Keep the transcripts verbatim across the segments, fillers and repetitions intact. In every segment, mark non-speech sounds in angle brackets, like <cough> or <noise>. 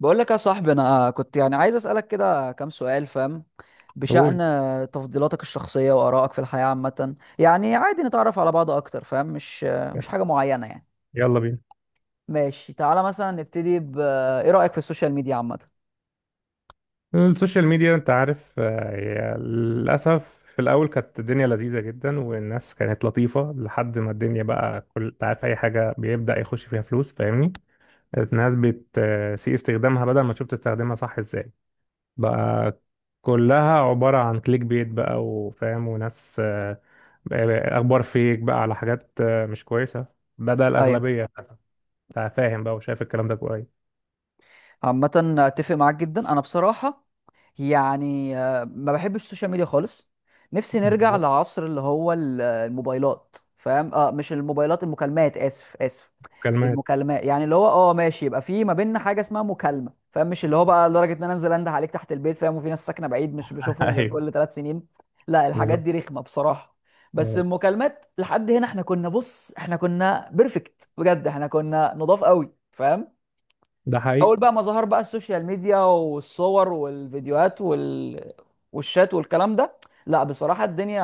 بقول لك يا صاحبي، انا كنت يعني عايز اسالك كده كام سؤال فاهم، بشأن قول. تفضيلاتك الشخصيه وارائك في الحياه عامه. يعني عادي نتعرف على بعض اكتر فاهم، مش مش حاجه معينه يعني. يلا بينا. ماشي تعالى مثلا نبتدي ب ايه رايك في السوشيال ميديا عامه؟ السوشيال ميديا، انت عارف آه، هي للاسف في الاول كانت الدنيا لذيذه جدا، والناس كانت لطيفه لحد ما الدنيا بقى كل انت عارف اي حاجه بيبدا يخش فيها فلوس، فاهمني؟ الناس بتسيء استخدامها بدل ما تشوف تستخدمها صح ازاي. بقى كلها عباره عن كليك بيت بقى وفاهم، وناس آه، بقى- اخبار فيك بقى على حاجات آه، مش كويسه، بدل ايوه الاغلبيه للاسف. انت فاهم بقى وشايف الكلام ده كويس. عامه، اتفق معاك جدا انا بصراحه. يعني آه، ما بحبش السوشيال ميديا خالص. نفسي نرجع بالظبط. لعصر اللي هو ال- الموبايلات فاهم، اه مش الموبايلات، المكالمات، اسف اسف. كلمات. المكالمات يعني اللي هو اه ماشي، يبقى في ما بيننا حاجه اسمها مكالمه فاهم، مش اللي هو بقى لدرجه ان انا انزل انده عليك تحت البيت فاهم، وفي ناس ساكنه بعيد مش <laughs> بشوفهم غير ايوه. كل ثلاث سنين. لا، الحاجات بالظبط. دي رخمه بصراحه. بس آه، المكالمات لحد هنا احنا كنا، بص احنا كنا بيرفكت بجد، احنا كنا نضاف قوي فاهم. ده اول حقيقي. بقى ما ظهر بقى السوشيال ميديا والصور والفيديوهات وال... والشات والكلام ده، لا بصراحة الدنيا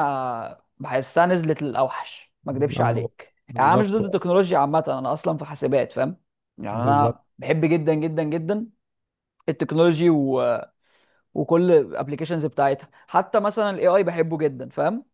بحسها نزلت للأوحش. ما اكدبش اه عليك، يعني انا مش بالظبط ضد التكنولوجيا عامة، انا اصلا في حاسبات فاهم. يعني انا بالظبط. بحب جدا جدا جدا التكنولوجي و... وكل الابلكيشنز بتاعتها، حتى مثلا الاي اي بحبه جدا فاهم.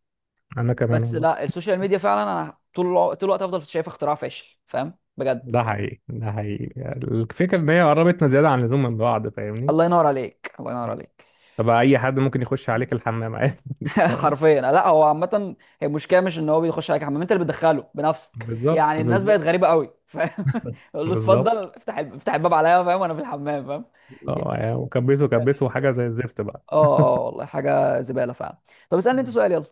انا كمان بس والله. لا السوشيال ميديا فعلا انا طول الع- طول الوقت افضل شايف اختراع فاشل فاهم بجد. ده حقيقي، ده حقيقي. الفكره ان هي قربتنا زياده عن اللزوم من بعض، فاهمني؟ الله ينور عليك، الله ينور عليك. فبقى اي حد ممكن يخش عليك الحمام عادي. <laughs> <laughs> فاهم. حرفيا، لا هو عامة هي المشكلة مش ان هو بيخش عليك حمام، انت اللي بتدخله بنفسك. بالظبط يعني الناس بقت بالظبط. غريبة قوي فاهم. <laughs> يقول له اتفضل بالظبط. افتح الب- افتح الباب عليا فاهم، وانا في الحمام فاهم. يعني اه يعني وكبسه الناس بقت كبسه غريبة. حاجه زي الزفت بقى. اه اه والله، حاجة زبالة فعلا. طب اسألني انت سؤال يلا.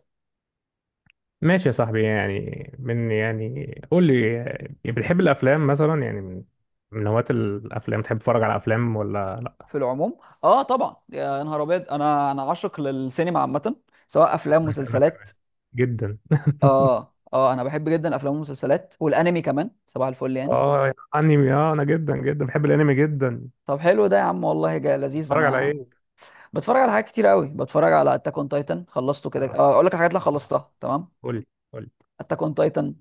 ماشي يا صاحبي، يعني من يعني قول لي، يعني بتحب الافلام مثلا؟ يعني من من هواة الافلام، تحب تتفرج على افلام ولا لا؟ في العموم، اه طبعا، يا نهار ابيض، انا انا عاشق للسينما عامة، سواء افلام انا أنا مسلسلات. جدا. اه اه انا بحب جدا الافلام والمسلسلات والانمي كمان، صباح الفل يعني. اه يعني انمي، اه انا جدا جدا بحب الانمي جدا. طب حلو ده يا عم، والله جا لذيذ. اتفرج على انا ايه؟ بتفرج على حاجات كتير قوي. بتفرج على اتاك اون تايتن، خلصته كده. آه، آه، اقول لك الحاجات اللي خلصتها تمام: قول لي، قول لي. اتاك اون تايتن،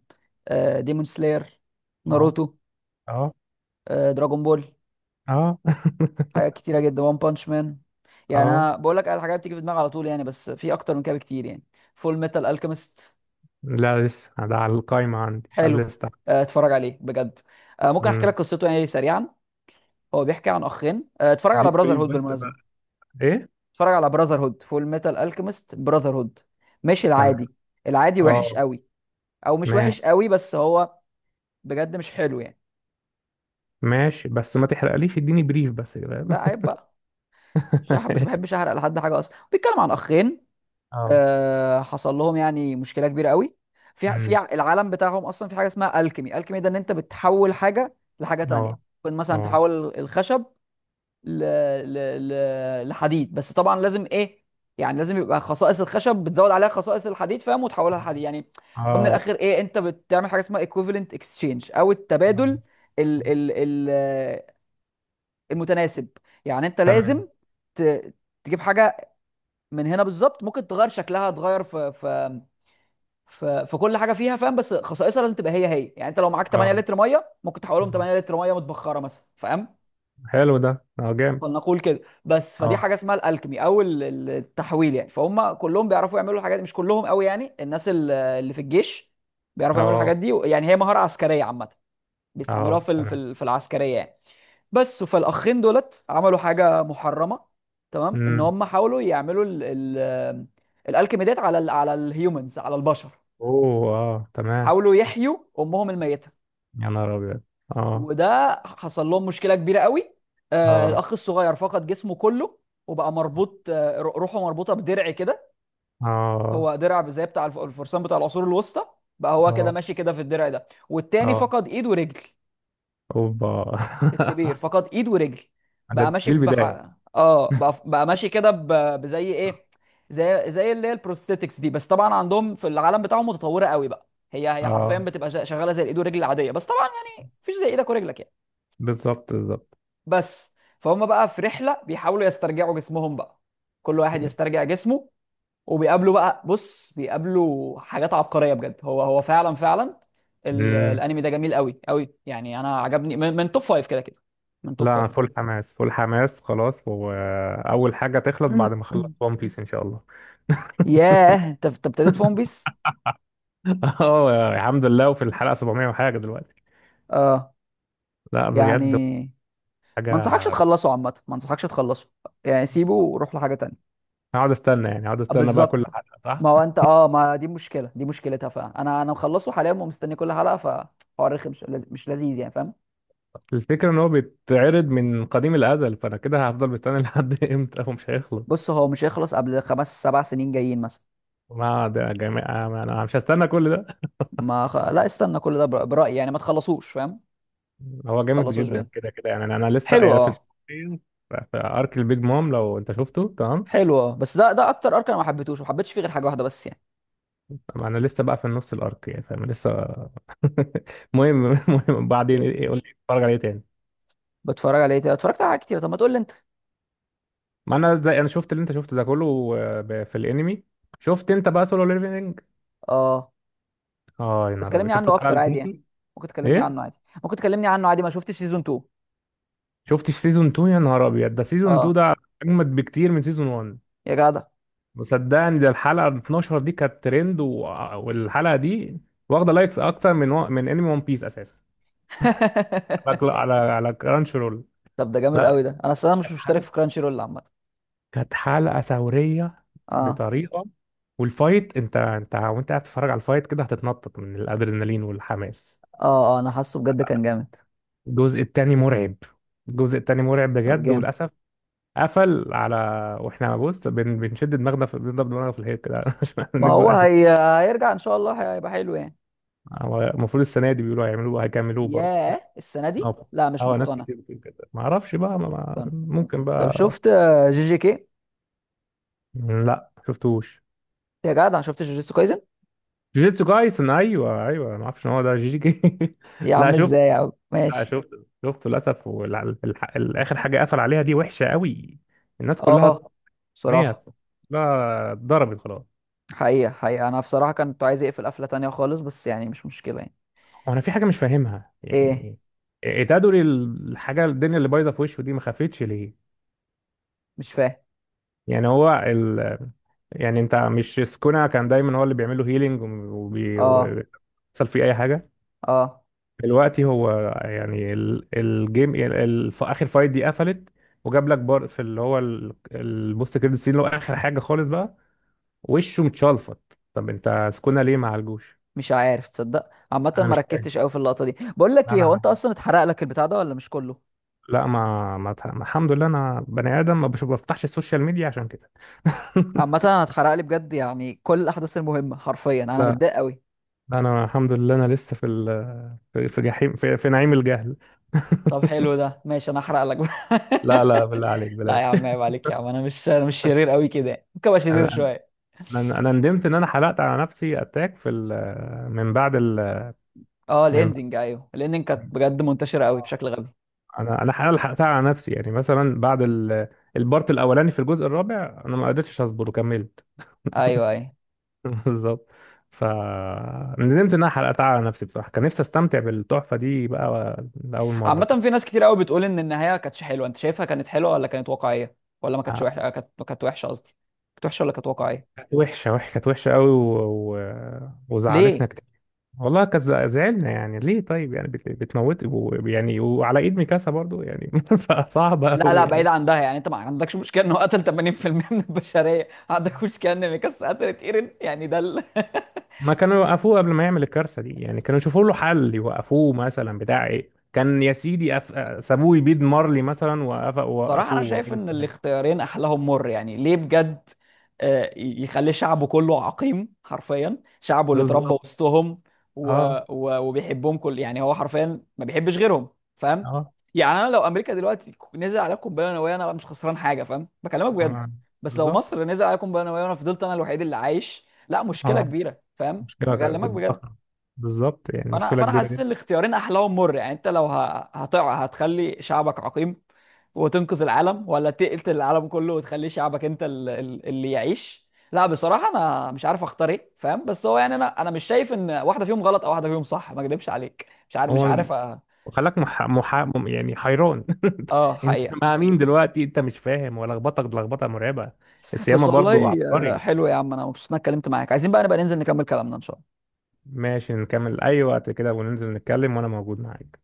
ديمون سلاير، اه. ناروتو، اه. آه، دراجون بول، اه. حاجات <laughs> كتيره جدا، وان بانش مان. يعني اه. انا بقول لك الحاجات بتيجي في دماغي على طول يعني، بس في اكتر من كده بكتير يعني. فول ميتال الكيميست، لا لسه ده على القايمة عندي، على حلو، الليستة. آه، اتفرج عليه بجد. آه، ممكن احكي لك امم. قصته يعني سريعا. هو بيحكي عن اخين، آه، اتفرج على اديك براذر بريف هود بس بالمناسبه، بقى. ايه. اتفرج على براذر هود فول ميتال الكيميست براذر هود، مش تمام. العادي. العادي وحش اه. قوي، او مش ماشي. وحش قوي بس هو بجد مش حلو يعني. ماشي بس ما تحرقليش، اديني بريف بس كده. لا عيب بقى، مش هح- مش <laughs> بحبش احرق لحد حاجه اصلا. بيتكلم عن اخين، اه. آه حصل لهم يعني مشكله كبيره قوي. في ع- في امم. ع- العالم بتاعهم اصلا في حاجه اسمها الكيمي. الكيمي ده ان انت بتحول حاجه لحاجه تانية، اه. ممكن مثلا اه. تحول الخشب ل... ل... ل... لحديد، بس طبعا لازم ايه، يعني لازم يبقى خصائص الخشب بتزود عليها خصائص الحديد فاهم، وتحولها لحديد يعني. ومن اه. الاخر ايه، انت بتعمل حاجه اسمها equivalent exchange، او التبادل آه. ال ال ال المتناسب. يعني انت تمام. لازم ت... تجيب حاجه من هنا بالظبط، ممكن تغير شكلها، تغير في في في, في كل حاجه فيها فاهم، بس خصائصها لازم تبقى هي هي. يعني انت لو معاك ثمانية اه. لتر ميه ممكن تحولهم آه. ثمانية لتر ميه متبخره مثلا فاهم. حلو ده، اه جامد. فلنقول كده، بس فدي اه. حاجه اسمها الالكمي، او ال- ال- التحويل يعني. فهم كلهم بيعرفوا يعملوا الحاجات دي، مش كلهم قوي يعني، الناس ال- اللي في الجيش بيعرفوا يعملوا اه. الحاجات دي. يعني هي مهاره عسكريه عامه، بيستعملوها اه. في ال- في تمام. ال- في العسكريه يعني. بس فالاخين دولت عملوا حاجه محرمه تمام، ان امم. هم حاولوا يعملوا ال ال الالكيميدات على ال على الهيومنز، على البشر. اوه اه تمام. حاولوا يحيوا امهم الميته، يا نهار ابيض. اه. وده حصل لهم مشكله كبيره قوي. آه اه. الاخ الصغير فقد جسمه كله، وبقى مربوط، آه، روحه مربوطه بدرع كده. اه. هو درع زي بتاع الف- الفرسان بتاع العصور الوسطى. بقى هو كده اه. ماشي كده في الدرع ده، والتاني اه. فقد ايد ورجل. اوبا. الكبير فقد ايد ورجل، <laughs> بقى ده ماشي دي بح... البداية. اه بقى, بقى ماشي كده ب... بزي ايه، زي زي اللي هي البروستيتكس دي. بس طبعا عندهم في العالم بتاعهم متطوره قوي بقى، هي هي حرفيا اه. بتبقى شا- شغاله زي الايد والرجل العاديه، بس طبعا يعني مفيش زي ايدك ورجلك يعني. بالظبط بالظبط. بس فهم بقى في رحله بيحاولوا يسترجعوا جسمهم بقى، كل واحد يسترجع جسمه، وبيقابلوا بقى بص بيقابلوا حاجات عبقريه بجد. هو هو فعلا فعلا ال- مم. الانمي ده جميل قوي قوي يعني، انا عجبني من, من توب فايف كده كده، من توب لا فايف. انا فول حماس، فول حماس خلاص، واول حاجة تخلص بعد ما <clears throat> اخلص ون بيس ان شاء الله. ياه، انت انت ابتديت في ون بيس. <laughs> اه الحمد لله، وفي الحلقة سبعميه وحاجة دلوقتي. اه لا يعني بجد. ما انصحكش حاجة. تخلصه عامه، ما انصحكش تخلصه يعني، سيبه وروح لحاجه تانية. هقعد استنى يعني، هقعد آه، استنى بقى بالظبط. كل حلقة صح؟ ما هو انت اه ما دي مشكله، دي مشكلتها فعلا، انا انا مخلصه حاليا ومستني كل حلقه، فحوار رخم، مش لذ- مش لذيذ يعني فاهم. الفكرة ان هو بيتعرض من قديم الازل، فانا كده هفضل مستني لحد <laughs> امتى ومش هيخلص. بص، هو مش هيخلص قبل خمس سبع سنين جايين مثلا. ما ده جميع، انا مش هستنى كل ده. ما خ... لا استنى كل ده بر- برايي يعني، ما تخلصوش فاهم، ما هو جامد تخلصوش جدا بجد. كده كده يعني، انا أنا لسه حلو، يعني في اه. السعوديه، في في ارك البيج مام لو انت شفته. تمام. حلو، اه، بس ده ده اكتر ارك انا ما حبيتهوش، ما حبيتش فيه غير حاجه واحده بس يعني. انا لسه بقى في النص الارك يعني، فاهم لسه. <laughs> المهم المهم بعدين إيه- قول لي اتفرج عليه تاني. بتفرج على ايه تاني؟ اتفرجت على حاجات كتير، طب ما تقول لي انت. ما انا زي انا شفت اللي انت شفته ده كله. آه، ب- في الانمي شفت انت بقى سولو ليفلنج؟ اه اه يا بس نهار ابيض، كلمني شفت عنه الحلقه اكتر ال عادي يعني، اتناشر؟ ممكن تكلمني ايه. عنه عادي، ممكن تكلمني عنه عادي، ما شفتش سيزون تاني. شفتش سيزون اتنين؟ يا نهار ابيض ده، سيزون اتنين اه ده اجمد بكتير من سيزون واحد. يا جدع. وصدقني ده الحلقة اتناشر دي كانت ترند و... والحلقة دي واخدة لايكس أكتر من و... من أنمي ون بيس أساسا، على كلا- <laughs> على على كرانش رول. طب ده جامد لا. قوي ده، انا اصل انا مش كانت مشترك حلقة، في كرانشي رول عامه. كانت حلقة ثورية اه بطريقة. والفايت أنت أنت وأنت قاعد تتفرج على الفايت كده، هتتنطط من الأدرينالين والحماس. اه اه انا حاسه بجد كان جامد. الجزء التاني مرعب، الجزء التاني مرعب طب بجد جامد، وللأسف. قفل على، واحنا بص بن... بنشد دماغنا في... بنضرب دماغنا في الحيط كده <laughs> ما عشان هو عشان. هي... هيرجع ان شاء الله، هيبقى حلو يعني. هو المفروض السنة دي بيقولوا هيعملوه هيكملوه برضه. ياه السنه دي، اه. لا مش اه، ناس مقتنع، كتير بتقول كده، ما اعرفش بقى، ما ما- مقتنع. ممكن طب بقى. شفت، آه، جي جي كي؟ لا ما شفتوش. يا جدع شفت جوجيتسو كايزن؟ جوجيتسو كايسن، ايوه ايوه، ما اعرفش ان هو ده جي جي. <laughs> يا لا عم، شفت، ازاي يا عم، لا ماشي. شفت، شفته للاسف، والاخر حاجه قفل عليها دي وحشه قوي. الناس اه كلها. نيت. بصراحه. لا اتضربت خلاص. حقيقة حقيقة أنا بصراحة كنت عايز أقفل قفلة تانية خالص، بس يعني مش مشكلة يعني. وانا في حاجه مش فاهمها إيه يعني. إيه- إيه تدري الحاجه الدنيا اللي بايظه في وشه دي ما خفتش ليه؟ مش فاهم. يعني هو ال... يعني انت مش سكونا كان دايما هو اللي بيعمل له هيلينج وبي... أه وبيحصل فيه اي حاجه. أه دلوقتي هو يعني ال... الجيم ال... ال... في اخر فايت دي قفلت، وجاب لك بار في اللي هو ال... البوست كريدت سين اللي هو اخر حاجه خالص بقى، وشه متشلفط، طب انت سكونا ليه ما عالجوش؟ مش عارف تصدق، عامة انا ما مش فاهم. ركزتش أوي في اللقطة دي. بقول لك إيه، هو أنت انا. أصلا اتحرق لك البتاع ده ولا مش كله؟ لا ما, ما... ما الحمد لله، انا بني ادم ما بش- بفتحش السوشيال ميديا عشان كده. عامة أنا اتحرق لي بجد يعني، كل الأحداث المهمة حرفيا، أنا <laughs> متضايق أوي. انا الحمد لله انا لسه في ال- في في جحيم في, في نعيم الجهل. طب حلو <laughs> ده، ماشي أنا هحرق لك بقى. لا لا بالله عليك <laughs> لا يا بلاش. عم، عيب عليك يا عم، أنا مش أنا مش شرير أوي كده يعني. ممكن أبقى شرير انا شوية. انا انا ندمت ان انا حلقت على نفسي اتاك في ال- من بعد ال. أه من. الإندنج، أيوه الإندنج كانت بجد منتشرة أوي آه. بشكل غبي. انا انا حلقة حلقتها على نفسي يعني، مثلا بعد ال- البارت الاولاني في الجزء الرابع، انا ما قدرتش اصبر وكملت. أيوه أيوه. <laughs> بالظبط. ف ندمت ان انا حلقتها على نفسي بصراحه، كان نفسي استمتع بالتحفه دي بقى، لاول مره عامة كده. في ناس كتير قوي بتقول ان النهاية كانتش حلوة، انت شايفها كانت حلوة ولا كانت واقعية، ولا ما كانتش آه، وحشة؟ آه، كانت كانت وحشة قصدي، كانت وحشة ولا كانت واقعية؟ كانت وحشه، وحشه، كانت وحشه قوي و... و... وزعلتنا ليه؟ كتير. والله كز- زعلنا يعني، ليه طيب؟ يعني بت- بتموت و- يعني، وعلى ايد ميكاسا برضو يعني. <laughs> فصعبة لا قوي لا، بعيد يعني. عن ده يعني، انت ما عندكش مشكلة انه قتل ثمانين في المية من البشرية، عندك مشكلة ان ميكاس قتلت ايرين، يعني ده ال... <laughs> ما كانوا يوقفوه قبل ما يعمل الكارثة دي يعني، كانوا يشوفوا له حل يوقفوه مثلا، بتاع ايه كان يا سيدي أف... سابوه يبيد مارلي مثلا، وقف... صراحة وقفوه أنا شايف وقالوا إن بتاع. الاختيارين أحلاهم مر يعني، ليه بجد، آه، يخلي شعبه كله عقيم، حرفيا شعبه اللي اتربى بالظبط. وسطهم، و... اه و... وبيحبهم كل، يعني هو حرفيا ما بيحبش غيرهم فاهم. اه. يعني أنا لو أمريكا دلوقتي ك- نزل عليها قنبلة نووية أنا مش خسران حاجة فاهم، بكلمك بجد. أنا... بس لو بالظبط. مصر نزل عليها قنبلة نووية وأنا فضلت أنا الوحيد اللي عايش، لا مشكلة اه كبيرة فاهم، مشكلة ك- بكلمك بجد. ضخمة، بالظبط يعني فانا مشكلة فانا كبيرة حسيت جدا. ان الاختيارين احلاهم مر. يعني انت لو ه- هتقع هتخلي شعبك عقيم وتنقذ العالم، ولا تقتل العالم كله وتخلي شعبك انت ال- ال- اللي يعيش؟ لا بصراحه انا مش عارف اختار ايه فاهم. بس هو يعني انا انا مش شايف ان واحده فيهم غلط او واحده فيهم صح، ما اكدبش عليك، مش عارف، مش هو عارف أ- وخلاك مح... مح... يعني حيران. اه <laughs> انت حقيقه. مع مين دلوقتي؟ انت مش فاهم، ولخبطك لخبطه مرعبه. السيامه بس برضو والله، آه، عبقري. حلو يا عم، انا مبسوط اني اتكلمت معاك. عايزين بقى نبقى ننزل نكمل كلامنا ان شاء الله. ماشي نكمل اي وقت كده، وننزل نتكلم، وانا موجود معاك.